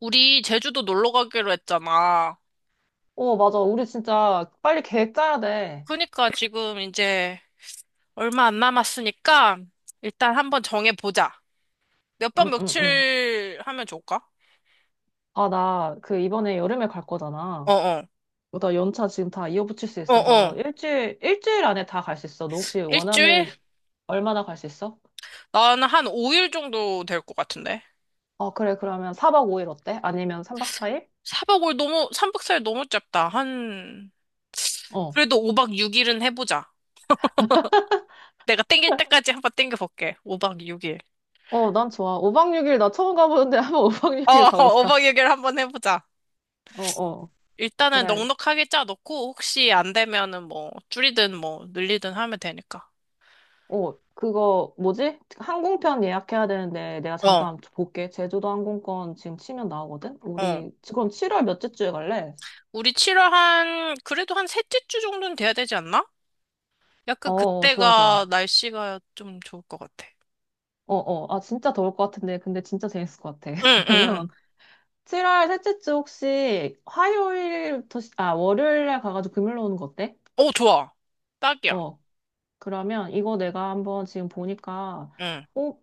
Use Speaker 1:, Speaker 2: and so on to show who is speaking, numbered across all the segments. Speaker 1: 우리 제주도 놀러 가기로 했잖아.
Speaker 2: 어, 맞아. 우리 진짜 빨리 계획 짜야 돼.
Speaker 1: 그러니까 지금 이제 얼마 안 남았으니까 일단 한번 정해보자. 몇 번
Speaker 2: 응, 응, 응.
Speaker 1: 며칠 하면 좋을까?
Speaker 2: 아, 나 그 이번에 여름에 갈 거잖아.
Speaker 1: 어어.
Speaker 2: 어, 나 연차 지금 다 이어붙일 수
Speaker 1: 어어.
Speaker 2: 있어서 일주일 안에 다 갈 수 있어. 너 혹시
Speaker 1: 일주일?
Speaker 2: 원하는 얼마나 갈 수 있어?
Speaker 1: 나는 한 5일 정도 될 것 같은데.
Speaker 2: 어, 그래. 그러면 4박 5일 어때? 아니면 3박 4일?
Speaker 1: 사박 5일 너무, 3박 4일 너무 짧다. 한,
Speaker 2: 어.
Speaker 1: 그래도 5박 6일은 해보자. 내가 땡길 때까지 한 번 땡겨볼게. 5박 6일.
Speaker 2: 어, 난 좋아. 5박 6일 나 처음 가보는데 한번 5박
Speaker 1: 어,
Speaker 2: 6일 가보자.
Speaker 1: 5박 6일 한번 해보자.
Speaker 2: 어, 어.
Speaker 1: 일단은
Speaker 2: 그래.
Speaker 1: 넉넉하게 짜놓고 혹시 안 되면은 뭐 줄이든 뭐 늘리든 하면 되니까.
Speaker 2: 어, 그거 뭐지? 항공편 예약해야 되는데 내가
Speaker 1: 어,
Speaker 2: 잠깐 볼게. 제주도 항공권 지금 치면 나오거든?
Speaker 1: 어.
Speaker 2: 우리 지금 7월 몇째 주에 갈래?
Speaker 1: 우리 7월 한 그래도 한 셋째 주 정도는 돼야 되지 않나?
Speaker 2: 어,
Speaker 1: 약간
Speaker 2: 어, 좋아,
Speaker 1: 그때가
Speaker 2: 좋아.
Speaker 1: 날씨가 좀 좋을 것 같아.
Speaker 2: 어, 어. 아, 진짜 더울 것 같은데. 근데 진짜 재밌을 것 같아.
Speaker 1: 응, 응.
Speaker 2: 그러면 7월 셋째 주 혹시 화요일부터, 아, 월요일 날 가가지고 금요일로 오는 거 어때?
Speaker 1: 오, 좋아. 딱이야.
Speaker 2: 어. 그러면 이거 내가 한번 지금 보니까,
Speaker 1: 응.
Speaker 2: 어,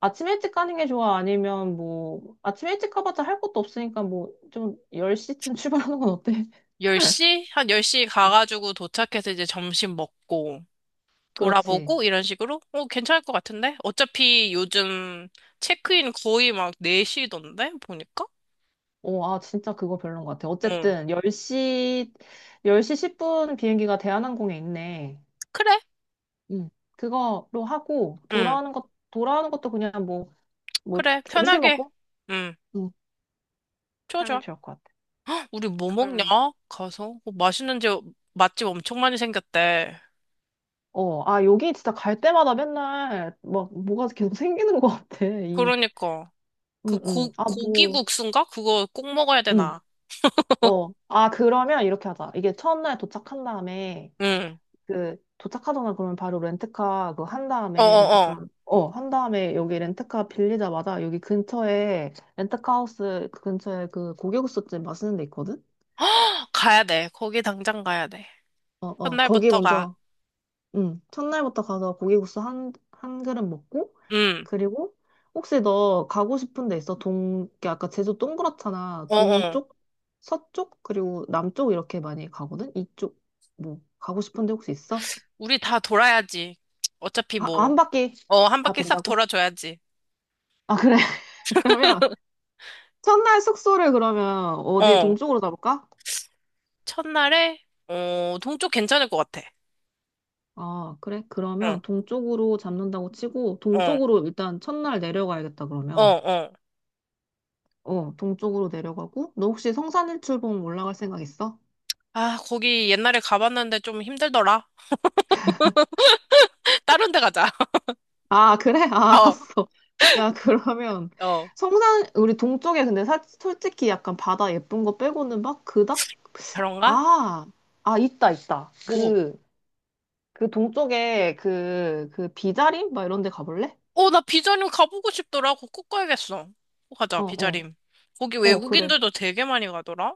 Speaker 2: 아침 일찍 가는 게 좋아? 아니면 뭐, 아침 일찍 가봤자 할 것도 없으니까 뭐, 좀 10시쯤 출발하는 건 어때?
Speaker 1: 10시? 한 10시
Speaker 2: 어,
Speaker 1: 가가지고 도착해서 이제 점심 먹고
Speaker 2: 그렇지.
Speaker 1: 돌아보고 이런 식으로? 어, 괜찮을 것 같은데? 어차피 요즘 체크인 거의 막 4시던데? 보니까?
Speaker 2: 오, 아, 진짜 그거 별론 것 같아.
Speaker 1: 응.
Speaker 2: 어쨌든, 10시, 10시 10분 비행기가 대한항공에 있네.
Speaker 1: 그래.
Speaker 2: 응. 그거로 하고,
Speaker 1: 응.
Speaker 2: 돌아오는 것도 그냥 뭐, 뭐,
Speaker 1: 그래,
Speaker 2: 점심
Speaker 1: 편하게.
Speaker 2: 먹고,
Speaker 1: 응,
Speaker 2: 응,
Speaker 1: 좋아,
Speaker 2: 하면
Speaker 1: 좋아.
Speaker 2: 좋을 것 같아.
Speaker 1: 우리 뭐 먹냐?
Speaker 2: 음.
Speaker 1: 가서. 어, 맛있는 집, 맛집 엄청 많이 생겼대.
Speaker 2: 어, 아, 여기 진짜 갈 때마다 맨날, 막, 뭐가 계속 생기는 것 같아.
Speaker 1: 그러니까. 그
Speaker 2: 응응 아,
Speaker 1: 고기
Speaker 2: 뭐,
Speaker 1: 국수인가? 그거 꼭 먹어야
Speaker 2: 응
Speaker 1: 되나?
Speaker 2: 어. 아, 그러면 이렇게 하자. 이게 첫날 도착한 다음에,
Speaker 1: 응.
Speaker 2: 그 도착하자마자 그러면 바로
Speaker 1: 어어어.
Speaker 2: 렌트카 한 다음에 여기 렌트카 빌리자마자 여기 근처에 렌트카 하우스 그 근처에 그 고기국수집 맛있는 데 있거든?
Speaker 1: 헉, 가야 돼. 거기 당장 가야 돼.
Speaker 2: 어, 어. 거기
Speaker 1: 첫날부터 가.
Speaker 2: 먼저, 응, 첫날부터 가서 고기국수 한 그릇 먹고
Speaker 1: 응.
Speaker 2: 그리고 혹시 너 가고 싶은 데 있어? 동 이렇게 아까 제주 동그랗잖아.
Speaker 1: 어어.
Speaker 2: 동쪽, 서쪽, 그리고 남쪽 이렇게 많이 가거든? 이쪽 뭐 가고 싶은 데 혹시 있어?
Speaker 1: 우리 다 돌아야지. 어차피
Speaker 2: 아,
Speaker 1: 뭐.
Speaker 2: 한 바퀴
Speaker 1: 어, 한
Speaker 2: 다
Speaker 1: 바퀴 싹
Speaker 2: 돈다고?
Speaker 1: 돌아줘야지.
Speaker 2: 아, 그래. 그러면 첫날 숙소를 그러면 어디
Speaker 1: 어.
Speaker 2: 동쪽으로 잡을까?
Speaker 1: 첫날에, 어, 동쪽 괜찮을 것 같아.
Speaker 2: 아, 그래?
Speaker 1: 응,
Speaker 2: 그러면 동쪽으로 잡는다고 치고
Speaker 1: 어,
Speaker 2: 동쪽으로 일단 첫날 내려가야겠다
Speaker 1: 어,
Speaker 2: 그러면.
Speaker 1: 어.
Speaker 2: 어, 동쪽으로 내려가고 너 혹시 성산일출봉 올라갈 생각 있어?
Speaker 1: 아, 거기 옛날에 가봤는데 좀 힘들더라. 다른 데 가자.
Speaker 2: 아, 그래? 아,
Speaker 1: 어,
Speaker 2: 알았어. 야, 그러면
Speaker 1: 어.
Speaker 2: 성산 우리 동쪽에. 근데 솔직히 약간 바다 예쁜 거 빼고는 막 그닥.
Speaker 1: 그런가?
Speaker 2: 아, 아, 있다 있다.
Speaker 1: 뭐.
Speaker 2: 그 동쪽에 그 비자림 막 이런 데 가볼래?
Speaker 1: 어, 나 비자림 가보고 싶더라. 그거 꼭 가야겠어. 꼭 가자,
Speaker 2: 어, 어.
Speaker 1: 비자림. 거기
Speaker 2: 어, 그래.
Speaker 1: 외국인들도 되게 많이 가더라.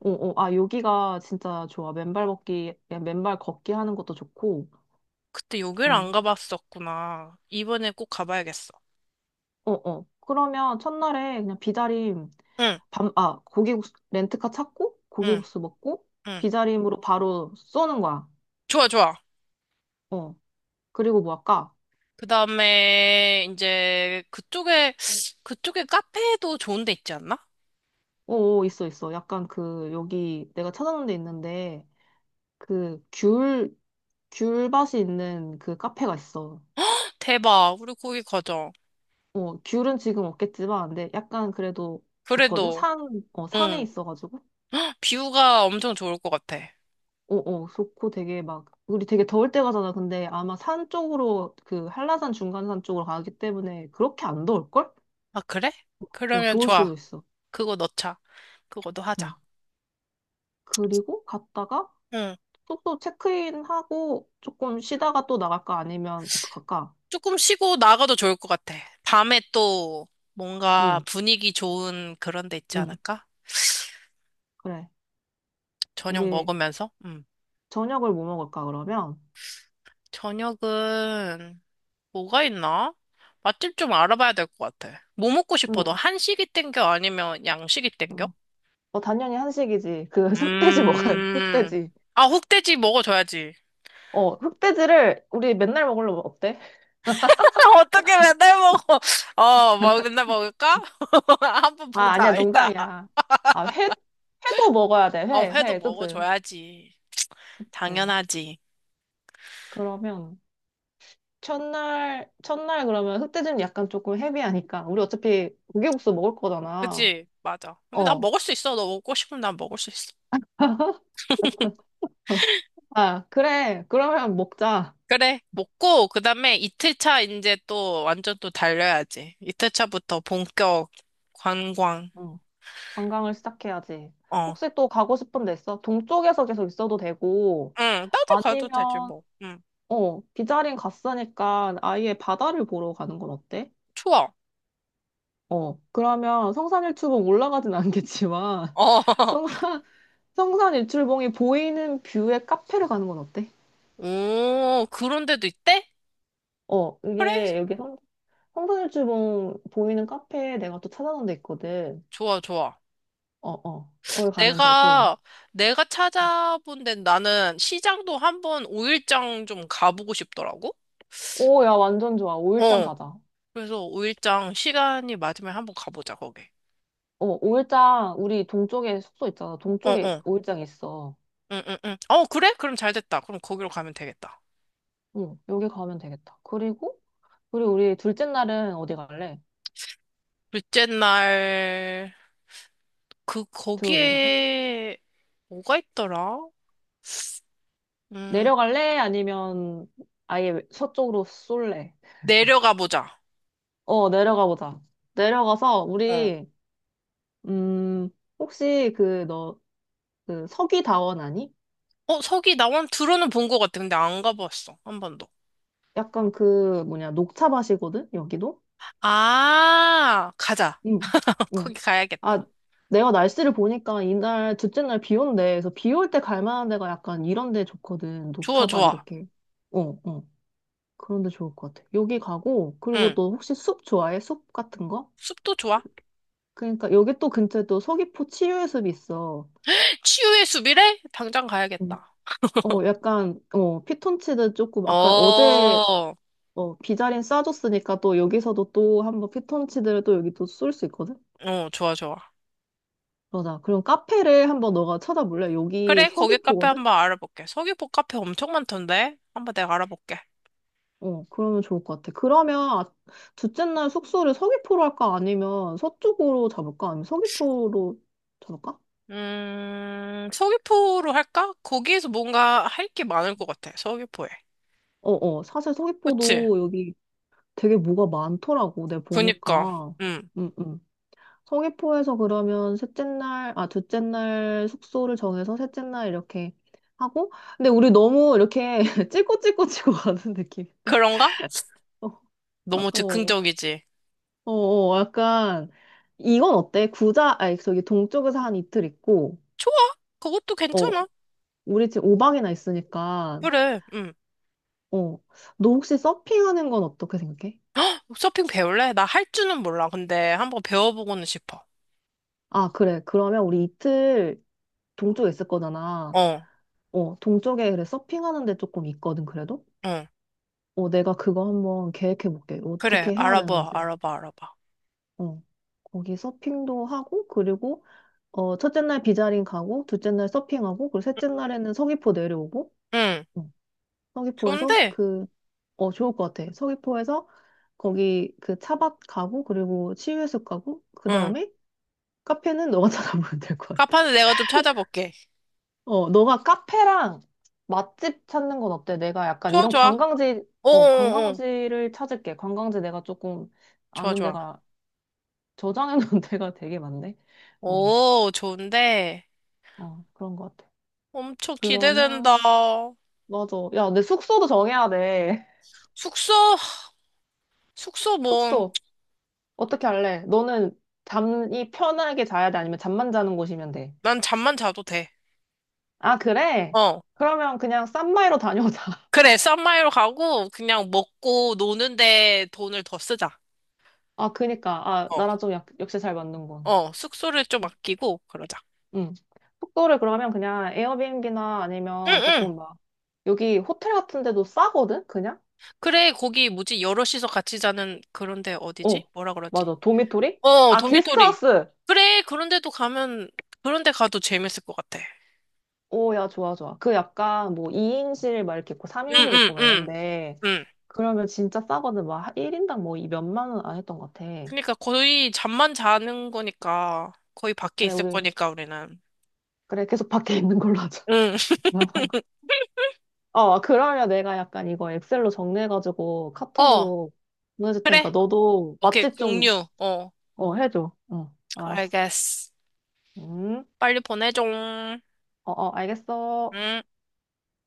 Speaker 2: 어, 어, 아, 여기가 진짜 좋아. 맨발 걷기, 그냥 맨발 걷기 하는 것도 좋고.
Speaker 1: 그때 여기를 안
Speaker 2: 음,
Speaker 1: 가봤었구나. 이번에 꼭 가봐야겠어.
Speaker 2: 어, 어. 그러면 첫날에 그냥 비자림,
Speaker 1: 응,
Speaker 2: 아, 고기국수, 렌트카 찾고,
Speaker 1: 응,
Speaker 2: 고기국수 먹고,
Speaker 1: 응.
Speaker 2: 비자림으로 바로 쏘는 거야.
Speaker 1: 좋아, 좋아.
Speaker 2: 어. 그리고 뭐 할까?
Speaker 1: 그 다음에 이제 그쪽에, 그쪽에 카페도 좋은 데 있지 않나?
Speaker 2: 어, 어, 있어, 있어. 약간 그, 여기 내가 찾아놓은 데 있는데, 그, 귤밭이 있는 그 카페가 있어.
Speaker 1: 대박. 우리 거기 가자.
Speaker 2: 어, 귤은 지금 없겠지만, 근데 약간 그래도 좋거든?
Speaker 1: 그래도,
Speaker 2: 산에
Speaker 1: 응.
Speaker 2: 있어가지고.
Speaker 1: 뷰가 엄청 좋을 것 같아.
Speaker 2: 어어, 좋고 되게 막 우리 되게 더울 때 가잖아. 근데 아마 산 쪽으로 그 한라산 중간산 쪽으로 가기 때문에 그렇게 안 더울걸?
Speaker 1: 아, 그래?
Speaker 2: 어,
Speaker 1: 그러면
Speaker 2: 좋을
Speaker 1: 좋아.
Speaker 2: 수도 있어.
Speaker 1: 그거 넣자. 그거도
Speaker 2: 응.
Speaker 1: 하자.
Speaker 2: 그리고 갔다가
Speaker 1: 응.
Speaker 2: 숙소 체크인 하고 조금 쉬다가 또 나갈까 아니면 어떡할까?
Speaker 1: 조금 쉬고 나가도 좋을 것 같아. 밤에 또 뭔가
Speaker 2: 응,
Speaker 1: 분위기 좋은 그런 데 있지
Speaker 2: 응,
Speaker 1: 않을까?
Speaker 2: 그래.
Speaker 1: 저녁
Speaker 2: 우리
Speaker 1: 먹으면서? 응.
Speaker 2: 저녁을 뭐 먹을까 그러면?
Speaker 1: 저녁은 뭐가 있나? 맛집 좀 알아봐야 될 것 같아. 뭐 먹고 싶어?
Speaker 2: 응.
Speaker 1: 너 한식이 땡겨? 아니면 양식이 땡겨?
Speaker 2: 응. 어, 당연히 한식이지. 그 흑돼지 먹어야 돼.
Speaker 1: 음.
Speaker 2: 흑돼지.
Speaker 1: 아, 흑돼지 먹어줘야지.
Speaker 2: 어, 흑돼지를 우리 맨날 먹으려면 어때?
Speaker 1: 어떻게 맨날 먹어? 어, 막 맨날 먹을까? 한 번
Speaker 2: 아, 아니야,
Speaker 1: 보자, 이따.
Speaker 2: 농담이야. 아, 회도 먹어야 돼.
Speaker 1: 어,
Speaker 2: 회,
Speaker 1: 회도
Speaker 2: 회, 그치?
Speaker 1: 먹어줘야지.
Speaker 2: 네.
Speaker 1: 당연하지.
Speaker 2: 그러면, 첫날 그러면 흑돼지는 약간 조금 헤비하니까. 우리 어차피 고기국수 먹을 거잖아.
Speaker 1: 그치? 맞아. 근데 나
Speaker 2: 어.
Speaker 1: 먹을 수 있어. 너 먹고 싶으면 난 먹을 수 있어.
Speaker 2: 아, 그래. 그러면 먹자.
Speaker 1: 그래, 먹고, 그 다음에 이틀차 이제 또 완전 또 달려야지. 이틀차부터 본격 관광.
Speaker 2: 응. 관광을 시작해야지.
Speaker 1: 어.
Speaker 2: 혹시 또 가고 싶은 데 있어? 동쪽에서 계속 있어도 되고,
Speaker 1: 응, 나도 가도 되지,
Speaker 2: 아니면,
Speaker 1: 뭐. 응.
Speaker 2: 비자린 갔으니까 아예 바다를 보러 가는 건 어때?
Speaker 1: 좋아.
Speaker 2: 어, 그러면 성산일출봉 올라가진 않겠지만,
Speaker 1: 어.
Speaker 2: 성산, 성산일출봉이 보이는 뷰의 카페를 가는 건 어때?
Speaker 1: 오, 그런 데도 있대?
Speaker 2: 어,
Speaker 1: 그래?
Speaker 2: 이게 여기 성산일출봉 보이는 카페 내가 또 찾아놓은 데 있거든.
Speaker 1: 좋아, 좋아.
Speaker 2: 어, 어, 거기 가면 되고.
Speaker 1: 내가, 내가 찾아본 데는 나는 시장도 한번 오일장 좀 가보고 싶더라고?
Speaker 2: 오, 야, 완전 좋아. 오일장
Speaker 1: 어.
Speaker 2: 가자.
Speaker 1: 그래서 5일장 시간이 맞으면 한번 가보자, 거기.
Speaker 2: 어, 오일장, 우리 동쪽에 숙소 있잖아.
Speaker 1: 어,
Speaker 2: 동쪽에
Speaker 1: 어.
Speaker 2: 오일장 있어.
Speaker 1: 응, 응, 응. 어, 그래? 그럼 잘 됐다. 그럼 거기로 가면 되겠다.
Speaker 2: 응, 여기 가면 되겠다. 그리고, 우리 둘째 날은 어디 갈래?
Speaker 1: 둘째 날, 그,
Speaker 2: 들어 내려가?
Speaker 1: 거기에, 뭐가 있더라? 음,
Speaker 2: 내려갈래? 아니면 아예 서쪽으로 쏠래?
Speaker 1: 내려가 보자.
Speaker 2: 어, 내려가 보자. 내려가서
Speaker 1: 어.
Speaker 2: 우리 음 혹시 그 너 그 서귀다원 아니?
Speaker 1: 어, 서기 나원 들어는 본 것 같아. 근데 안 가봤어. 한 번도.
Speaker 2: 약간 그 뭐냐 녹차 밭이거든 여기도?
Speaker 1: 아, 가자.
Speaker 2: 응. 어.
Speaker 1: 거기
Speaker 2: 아,
Speaker 1: 가야겠다.
Speaker 2: 내가 날씨를 보니까 이날 둘째 날 비 온대. 그래서 비올 때 갈 만한 데가 약간 이런 데 좋거든.
Speaker 1: 좋아,
Speaker 2: 녹차밭
Speaker 1: 좋아.
Speaker 2: 이렇게. 어, 어. 그런 데 좋을 것 같아. 여기 가고 그리고
Speaker 1: 응.
Speaker 2: 또 혹시 숲 좋아해? 숲 같은 거?
Speaker 1: 숲도 좋아.
Speaker 2: 그러니까 여기 또 근처에 또 서귀포 치유예술이 있어.
Speaker 1: 치유의 숲이래? 당장
Speaker 2: 음.
Speaker 1: 가야겠다.
Speaker 2: 어, 약간, 피톤치드 조금,
Speaker 1: 어,
Speaker 2: 아까 어제,
Speaker 1: 어,
Speaker 2: 어, 비자린 싸줬으니까 또 여기서도 또 한번 피톤치드를 또 여기 또 쏠 수 있거든?
Speaker 1: 좋아, 좋아.
Speaker 2: 그아 그럼 카페를 한번 너가 찾아볼래? 여기
Speaker 1: 그래, 거기 카페
Speaker 2: 서귀포거든?
Speaker 1: 한번 알아볼게. 서귀포 카페 엄청 많던데? 한번 내가 알아볼게.
Speaker 2: 어, 그러면 좋을 것 같아. 그러면 둘째 날 숙소를 서귀포로 할까? 아니면 서쪽으로 잡을까? 아니면 서귀포로 잡을까?
Speaker 1: 서귀포로 할까? 거기에서 뭔가 할 게 많을 것 같아, 서귀포에.
Speaker 2: 어, 어. 사실
Speaker 1: 그치?
Speaker 2: 서귀포도 여기 되게 뭐가 많더라고. 내가
Speaker 1: 그니까,
Speaker 2: 보니까.
Speaker 1: 음.
Speaker 2: 응응. 성의포에서 그러면 둘째 날 숙소를 정해서 셋째 날 이렇게 하고. 근데 우리 너무 이렇게 찔꼬찔꼬치고 가는 느낌인데.
Speaker 1: 그런가?
Speaker 2: 어,
Speaker 1: 너무
Speaker 2: 어,
Speaker 1: 즉흥적이지.
Speaker 2: 어, 어. 약간, 이건 어때? 아니, 저기 동쪽에서 한 이틀 있고,
Speaker 1: 좋아, 그것도
Speaker 2: 어,
Speaker 1: 괜찮아.
Speaker 2: 우리 지금 5박이나 있으니까,
Speaker 1: 그래,
Speaker 2: 어, 너 혹시 서핑하는 건 어떻게 생각해?
Speaker 1: 서핑 배울래? 나 할 줄은 몰라. 근데 한번 배워보고는 싶어.
Speaker 2: 아, 그래. 그러면 우리 이틀 동쪽에 있을 거잖아.
Speaker 1: 어,
Speaker 2: 어, 동쪽에 그래, 서핑하는 데 조금 있거든, 그래도?
Speaker 1: 응.
Speaker 2: 어, 내가 그거 한번 계획해 볼게.
Speaker 1: 그래,
Speaker 2: 어떻게 해야
Speaker 1: 알아봐,
Speaker 2: 되는지.
Speaker 1: 알아봐, 알아봐.
Speaker 2: 어. 거기 서핑도 하고, 그리고, 어, 첫째 날 비자링 가고, 둘째 날 서핑하고, 그리고 셋째 날에는 서귀포 내려오고,
Speaker 1: 응,
Speaker 2: 어, 서귀포에서
Speaker 1: 좋은데?
Speaker 2: 좋을 것 같아. 서귀포에서 거기 그 차밭 가고, 그리고 치유해수 가고, 그
Speaker 1: 응.
Speaker 2: 다음에 카페는 너가 찾아보면 될 것 같아.
Speaker 1: 카페는 내가 좀 찾아볼게.
Speaker 2: 어, 너가 카페랑 맛집 찾는 건 어때? 내가 약간
Speaker 1: 좋아,
Speaker 2: 이런
Speaker 1: 좋아.
Speaker 2: 관광지, 어,
Speaker 1: 어어어.
Speaker 2: 관광지를 찾을게. 관광지 내가 조금
Speaker 1: 좋아,
Speaker 2: 아는
Speaker 1: 좋아.
Speaker 2: 데가 저장해 놓은 데가 되게 많네. 어,
Speaker 1: 오, 좋은데.
Speaker 2: 어, 그런 것 같아.
Speaker 1: 엄청 기대된다.
Speaker 2: 그러면, 맞아. 야, 내 숙소도 정해야 돼.
Speaker 1: 숙소, 숙소 뭐,
Speaker 2: 숙소. 어떻게 할래? 너는 잠이 편하게 자야 돼? 아니면 잠만 자는 곳이면 돼?
Speaker 1: 난 잠만 자도 돼.
Speaker 2: 아, 그래?
Speaker 1: 어.
Speaker 2: 그러면 그냥 싼마이로 다녀오자.
Speaker 1: 그래, 싼마이로 가고, 그냥 먹고 노는데 돈을 더 쓰자.
Speaker 2: 아, 그니까. 아,
Speaker 1: 어.
Speaker 2: 나랑 좀 역시 잘 맞는군.
Speaker 1: 어, 숙소를 좀 아끼고, 그러자.
Speaker 2: 응. 숙소를 그러면 그냥 에어비앤비나
Speaker 1: 응,
Speaker 2: 아니면
Speaker 1: 응.
Speaker 2: 조금 막, 여기 호텔 같은 데도 싸거든? 그냥?
Speaker 1: 그래, 거기 뭐지? 여럿이서 같이 자는 그런데 어디지?
Speaker 2: 어,
Speaker 1: 뭐라 그러지?
Speaker 2: 맞아. 도미토리?
Speaker 1: 어,
Speaker 2: 아,
Speaker 1: 도미토리.
Speaker 2: 게스트하우스!
Speaker 1: 그래, 그런데도 가면, 그런데 가도 재밌을 것 같아.
Speaker 2: 오, 야, 좋아, 좋아. 그 약간 뭐 2인실 막 이렇게 있고
Speaker 1: 응,
Speaker 2: 3인실
Speaker 1: 응,
Speaker 2: 있고 막
Speaker 1: 응.
Speaker 2: 이런데
Speaker 1: 응.
Speaker 2: 그러면 진짜 싸거든. 막 1인당 뭐 이 몇만 원 안 했던 것 같아.
Speaker 1: 그러니까 거의 잠만 자는 거니까 거의 밖에
Speaker 2: 그래,
Speaker 1: 있을
Speaker 2: 우리,
Speaker 1: 거니까 우리는.
Speaker 2: 그래, 계속 밖에 있는 걸로 하자.
Speaker 1: 응.
Speaker 2: 어, 그러면 내가 약간 이거 엑셀로 정리해가지고
Speaker 1: 어,
Speaker 2: 카톡으로 보내줄 테니까
Speaker 1: 그래.
Speaker 2: 너도
Speaker 1: 오케이,
Speaker 2: 맛집 좀,
Speaker 1: 공유. 어,
Speaker 2: 어, 해줘. 어, 알았어.
Speaker 1: 알겠어.
Speaker 2: 음,
Speaker 1: 빨리 보내줘.
Speaker 2: 어, 어, 알겠어.
Speaker 1: 응.